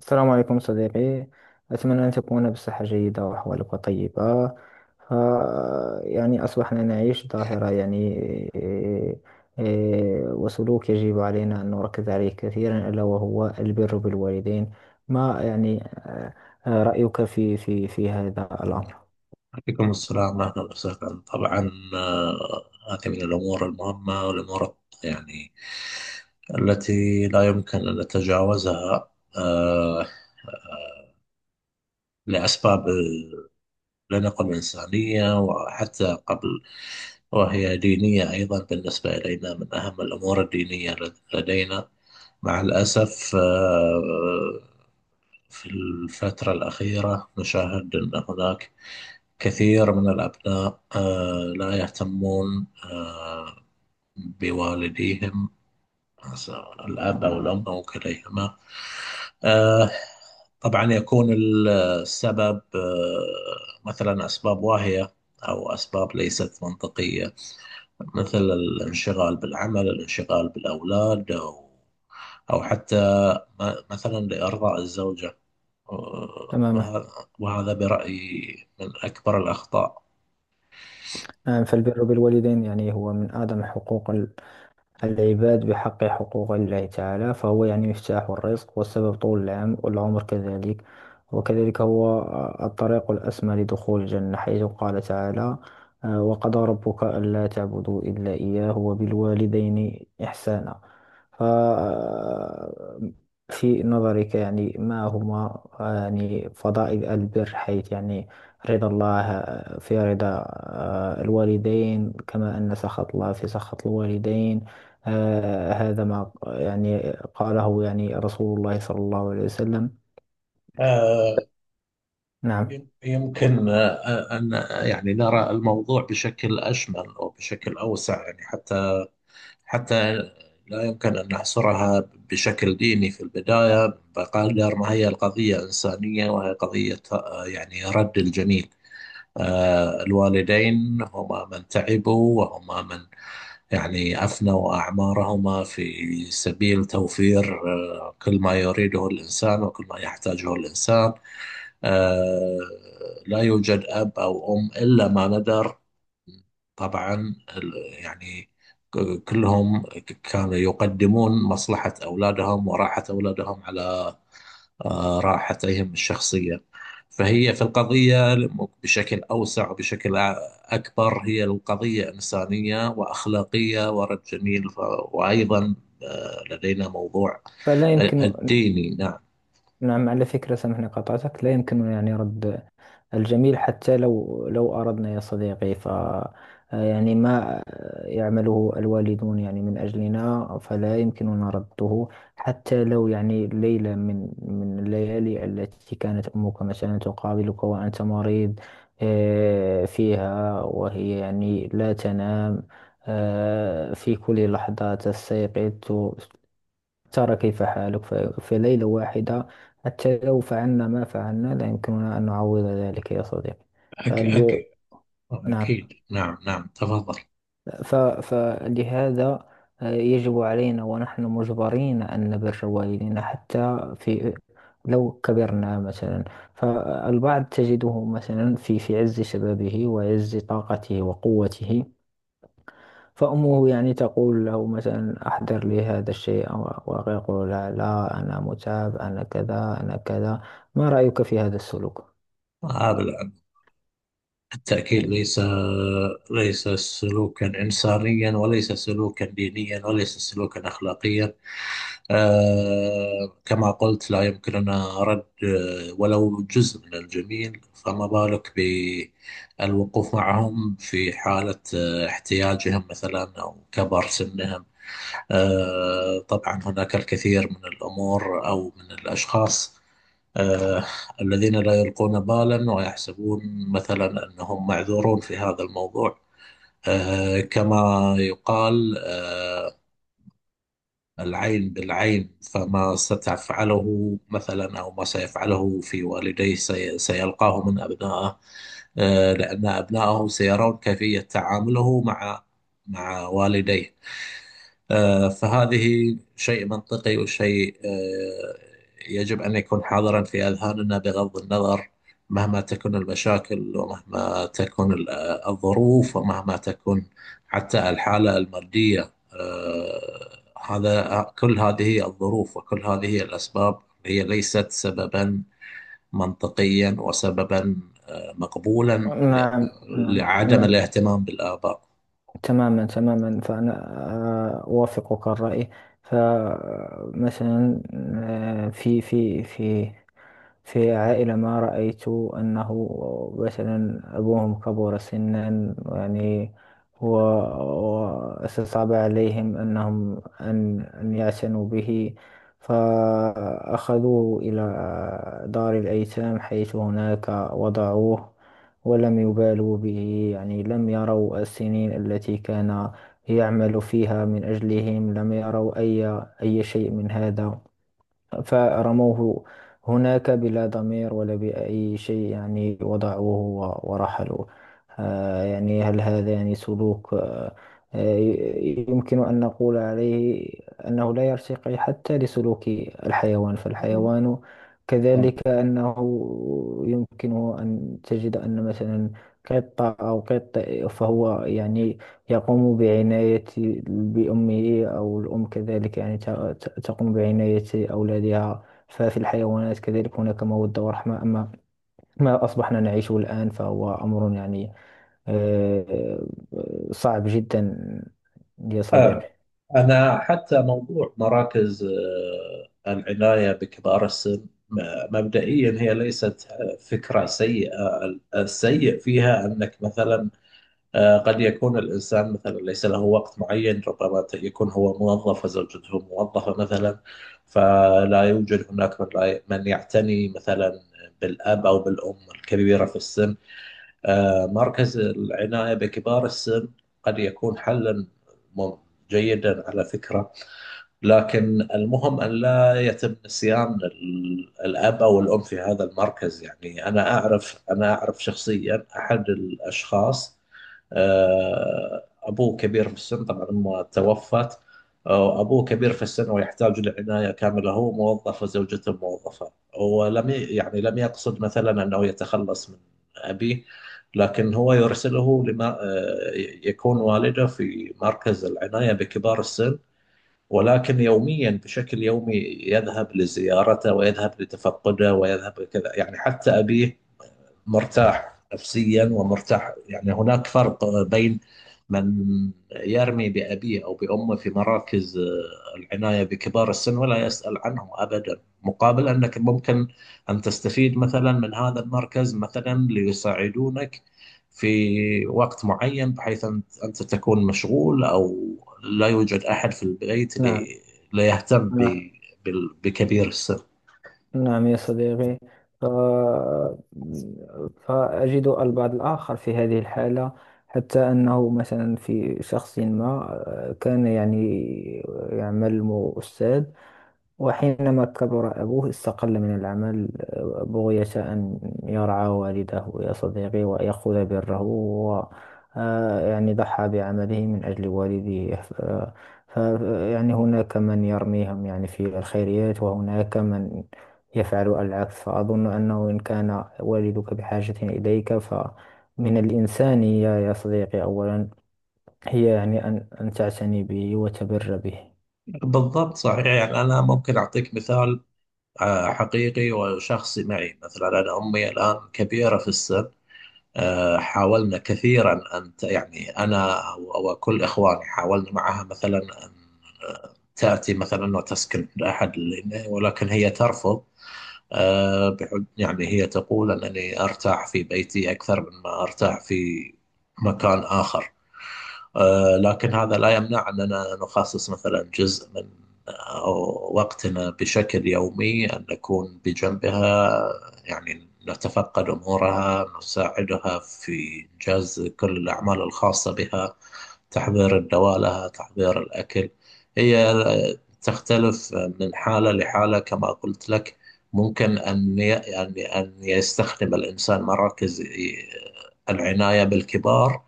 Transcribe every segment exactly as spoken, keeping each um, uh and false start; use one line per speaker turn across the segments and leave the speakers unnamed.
السلام عليكم صديقي. أتمنى أن تكون بصحة جيدة وأحوالك طيبة. ف يعني أصبحنا نعيش ظاهرة يعني إيه، إيه، وسلوك يجب علينا أن نركز عليه كثيرا، ألا وهو البر بالوالدين. ما يعني آه، آه، رأيك في في في هذا الأمر؟
عليكم السلام، أهلا وسهلا. طبعا، آه، هذه من الأمور المهمة، والأمور يعني التي لا يمكن أن نتجاوزها آه، آه، لأسباب، لنقل إنسانية وحتى قبل، وهي دينية أيضا. بالنسبة إلينا من أهم الأمور الدينية لدينا. مع الأسف آه، في الفترة الأخيرة نشاهد أن هناك كثير من الأبناء آه، لا يهتمون آه، بوالديهم، س- الأب أو الأم أو كليهما. آه، طبعا يكون ال- السبب آه، مثلا أسباب واهية، أو أسباب ليست منطقية، مثل الانشغال بالعمل، الانشغال بالأولاد، أو أو حتى م- مثلا لإرضاء الزوجة. آه،
تماما.
وه- وهذا برأيي من أكبر الأخطاء.
آه، فالبر بالوالدين يعني هو من أعظم حقوق العباد بحق حقوق الله تعالى، فهو يعني مفتاح الرزق والسبب طول العام والعمر كذلك. وكذلك هو الطريق الأسمى لدخول الجنة، حيث قال تعالى آه، وقضى ربك ألا تعبدوا إلا إياه وبالوالدين إحسانا. ف آه، في نظرك يعني ما هما آه، يعني فضائل البر، حيث يعني رضا الله آه، في رضا آه، الوالدين، كما أن سخط الله في سخط الوالدين. آه هذا ما يعني قاله يعني رسول الله صلى الله عليه وسلم. نعم.
يمكن آه، آه، أن آه، يعني نرى الموضوع بشكل أشمل وبشكل أوسع، يعني حتى حتى لا يمكن أن نحصرها بشكل ديني في البداية، بقدر ما هي القضية إنسانية، وهي قضية آه، يعني رد الجميل. آه، الوالدين هما من تعبوا، وهما من يعني أفنوا أعمارهما في سبيل توفير آه، كل ما يريده الإنسان وكل ما يحتاجه الإنسان. آه لا يوجد أب أو أم إلا ما ندر. طبعا ال- يعني ك- كلهم ك- كانوا يقدمون مصلحة أولادهم وراحة أولادهم على آه، راحتهم الشخصية. فهي في القضية بشكل أوسع وبشكل أ- أكبر، هي القضية إنسانية وأخلاقية ورد جميل. ف- وأيضا لدينا موضوع
فلا يمكن.
الديني، نعم.
نعم، على فكرة سامحني قطعتك، لا يمكن يعني رد الجميل حتى لو لو أردنا يا صديقي. ف يعني ما يعمله الوالدون يعني من أجلنا فلا يمكننا رده. حتى لو يعني ليلة من من الليالي التي كانت أمك مثلا تقابلك وأنت مريض آه، فيها، وهي يعني لا تنام. آه، في كل لحظة تستيقظ ترى كيف حالك. ف- في ليلة واحدة حتى لو فعلنا ما فعلنا لا يمكننا أن نعوض ذلك يا صديقي.
أك
فالب...
أك
نعم.
أكيد، نعم، نعم، تفضل.
ف... فلهذا آه، يجب علينا ونحن مجبرين أن نبر والدينا حتى في لو كبرنا مثلا. فالبعض تجده مثلا في في عز شبابه وعز طاقته وقوته، فأمه يعني تقول له مثلا أحضر لي هذا الشيء، أو- ويقول لها لا، أنا متعب، أنا كذا أنا كذا. ما رأيك في هذا السلوك؟
هذا الع- التأكيد ليس ليس سلوكا إنسانيا، وليس سلوكا دينيا، وليس سلوكا أخلاقيا. آه كما قلت، لا يمكننا رد آه، ولو جزء من الجميل، فما بالك بالوقوف معهم في حالة آه، احتياجهم مثلا أو كبر سنهم. آه، طبعا هناك الكثير من الأمور أو من الأشخاص آه، الذين لا يلقون بالا ويحسبون مثلا أنهم معذورون في هذا الموضوع. آه، كما يقال آه، العين بالعين، فما ستفعله مثلا أو ما سيفعله في والديه سي- سيلقاه من أبنائه، آه، لأن أبنائه سيرون كيفية تعامله مع مع والديه. آه، فهذه شيء منطقي، وشيء آه، يجب أن يكون حاضرا في أذهاننا، بغض النظر مهما تكون المشاكل، ومهما تكون ال- آه، الظروف، ومهما تكون حتى الحالة المادية. آه، هذا آه، كل هذه الظروف وكل هذه الأسباب هي ليست سببا منطقيا، وسببا آه، مقبولا
نعم
ل-
نعم
لعدم
نعم.
الاهتمام بالآباء.
تماما تماما، فأنا آه، أوافقك الرأي. فمثلا في في في في عائلة ما، رأيت أنه مثلا أبوهم كبر سنا، يعني هو، وصعب عليهم أنهم أن أن يعتنوا به، فأخذوه إلى دار الأيتام، حيث هناك وضعوه ولم يبالوا به. يعني لم يروا السنين التي كان يعمل فيها من أجلهم، لم يروا أي أي شيء من هذا، فرموه هناك بلا ضمير ولا بأي شيء. يعني وضعوه و- ورحلوا. آه، يعني هل هذا يعني سلوك آه، آه، ي- يمكن أن نقول عليه أنه لا يرتقي حتى لسلوك الحيوان؟ فالحيوان كذلك، أنه يمكنه أن تجد أن مثلا قطة أو قط فهو يعني يقوم بعناية بأمه، أو الأم كذلك يعني ت- ت- تقوم بعناية أولادها. ففي الحيوانات كذلك هناك مودة ورحمة. أما ما أصبحنا نعيشه الآن فهو أمر يعني آه، صعب جدا يا
طبعا
صديقي.
أنا حتى موضوع مراكز آه، العناية بكبار السن، م- مبدئيا هي ليست آه، فكرة سيئة. السيء فيها أنك مثلا آه، قد يكون الإنسان مثلا ليس له وقت معين، ربما ت- يكون هو موظف وزوجته موظفة مثلا، فلا يوجد هناك من لا ي- من يعتني مثلا بالأب أو بالأم الكبيرة في السن. آه، مركز العناية بكبار السن قد يكون حلا مم- جيدا على فكرة، لكن المهم أن لا يتم نسيان ال- الأب أو الأم في هذا المركز. يعني أنا أعرف أنا أعرف شخصيا أحد الأشخاص آه، أبوه كبير في السن، طبعا أمه توفت. آه، أبوه كبير في السن ويحتاج لعناية كاملة، هو موظف وزوجته موظفة، ولم ي- يعني لم يقصد مثلا أنه يتخلص من أبيه، لكن هو يرسله لما آه، يكون والده في مركز العناية بكبار السن، ولكن يوميا، بشكل يومي يذهب لزيارته، ويذهب لتفقده، ويذهب كذا، يعني حتى أبيه مرتاح نفسيا ومرتاح. يعني هناك فرق بين من يرمي بأبيه أو بأمه في مراكز آه، العناية بكبار السن ولا يسأل عنهم أبدا، مقابل أنك ممكن أن تستفيد مثلا من هذا المركز مثلا ليساعدونك في وقت معين، بحيث أن- أنت تكون مشغول، أو لا يوجد أحد في البيت
نعم.
لي- ليهتم ب- بال- بكبير السن.
نعم يا صديقي. ف... فأجد البعض الآخر في هذه الحالة، حتى أنه مثلا في شخص ما آه، كان يعني يعمل أستاذ، وحينما كبر أبوه استقل من العمل بغية أن يرعى والده يا صديقي ويأخذ بره. و آه، يعني ضحى بعمله من أجل والده. ف ف- يعني هناك من يرميهم يعني في الخيريات، وهناك من يفعل العكس. فأظن أنه إن كان والدك بحاجة إليك فمن الإنسانية يا صديقي أولا، هي يعني أن أن تعتني به وتبر به.
بالضبط، صحيح. يعني أنا ممكن أعطيك مثال آه، حقيقي وشخصي معي. مثلا أنا أمي الآن كبيرة في السن، آه، حاولنا كثيرا أن ت- يعني أنا أو أو كل إخواني حاولنا معها مثلا أن آه، تأتي مثلا وتسكن عند أحد لنا، ولكن هي ترفض. آه، بحج، يعني هي تقول أنني أرتاح في بيتي أكثر مما أرتاح في مكان آخر. آه، لكن هذا لا يمنع أننا نخصص مثلا جزء من آه، وقتنا بشكل يومي أن نكون بجنبها، يعني نتفقد أمورها، نساعدها في إنجاز كل الأعمال الخاصة بها، تحضير الدواء لها، تحضير الأكل. هي آه، تختلف من حالة لحالة. كما قلت لك ممكن أن ي- أن أن يستخدم الإنسان مراكز آه، العناية بالكبار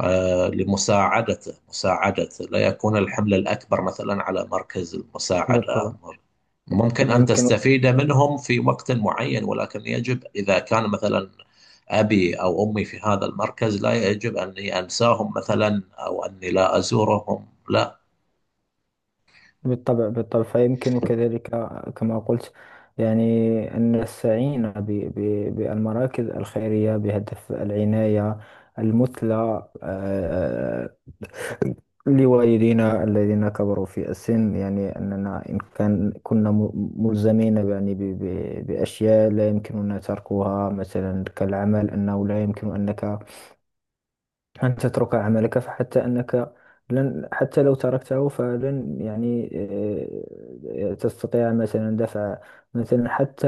آه، لمساعدته، مساعدته لا يكون الحمل الأكبر مثلا على مركز المساعدة، أو
بالطبع.
مر- ممكن أن
فيمكن.
تستفيد منهم في وقت معين، ولكن يجب إذا كان مثلا أبي أو أمي في هذا المركز لا يجب أني أنساهم مثلا، أو أني لا أزورهم، لا.
بالطبع بالطبع. فيمكن كذلك، كما قلت، يعني أن السعين ب- ب- بالمراكز الخيرية بهدف العناية المثلى آه، لوالدينا الذين كبروا في السن. يعني أننا إن كان كنا م- ملزمين يعني ب- ب- بأشياء لا يمكننا تركها مثلا كالعمل، أنه لا يمكن أنك أن تترك عملك. فحتى أنك لن، حتى لو تركته فلن يعني آه، تستطيع مثلا دفع مثلا حتى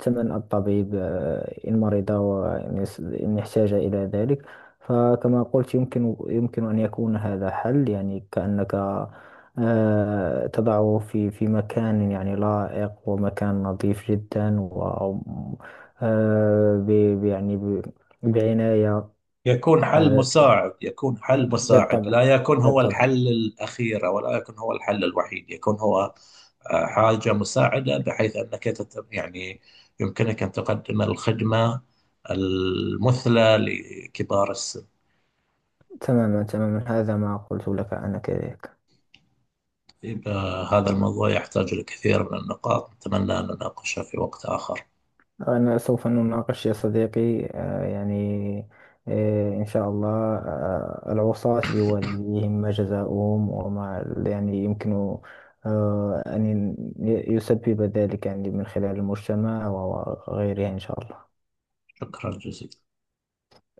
ثمن الطبيب آه، إن مرض وإن يس- إن احتاج إلى ذلك. فكما قلت، يمكن يمكن أن يكون هذا حل، يعني كأنك آه، تضعه في في مكان يعني لائق ومكان نظيف جدا و آه، ب- ب- يعني ب- بعناية.
يكون حل
آه،
مساعد، يكون حل مساعد لا
بالطبع
يكون هو
بالطبع.
الحل الأخير، ولا يكون هو الحل الوحيد، يكون هو آه، حاجة مساعدة، بحيث أنك تت- يعني يمكنك أن تقدم الخدمة المثلى لكبار السن.
تماما تماما، هذا ما قلت لك أنا كذلك.
إذا هذا الموضوع يحتاج لكثير من النقاط، نتمنى أن نناقشها في وقت آخر.
أنا سوف نناقش يا صديقي آه، يعني آه، إن شاء الله آه، العصاة بوالديهم ما جزاؤهم، وما يعني يمكن آه، أن يسبب ذلك يعني من خلال المجتمع وغيره، إن شاء الله.
شكرا جزيلا.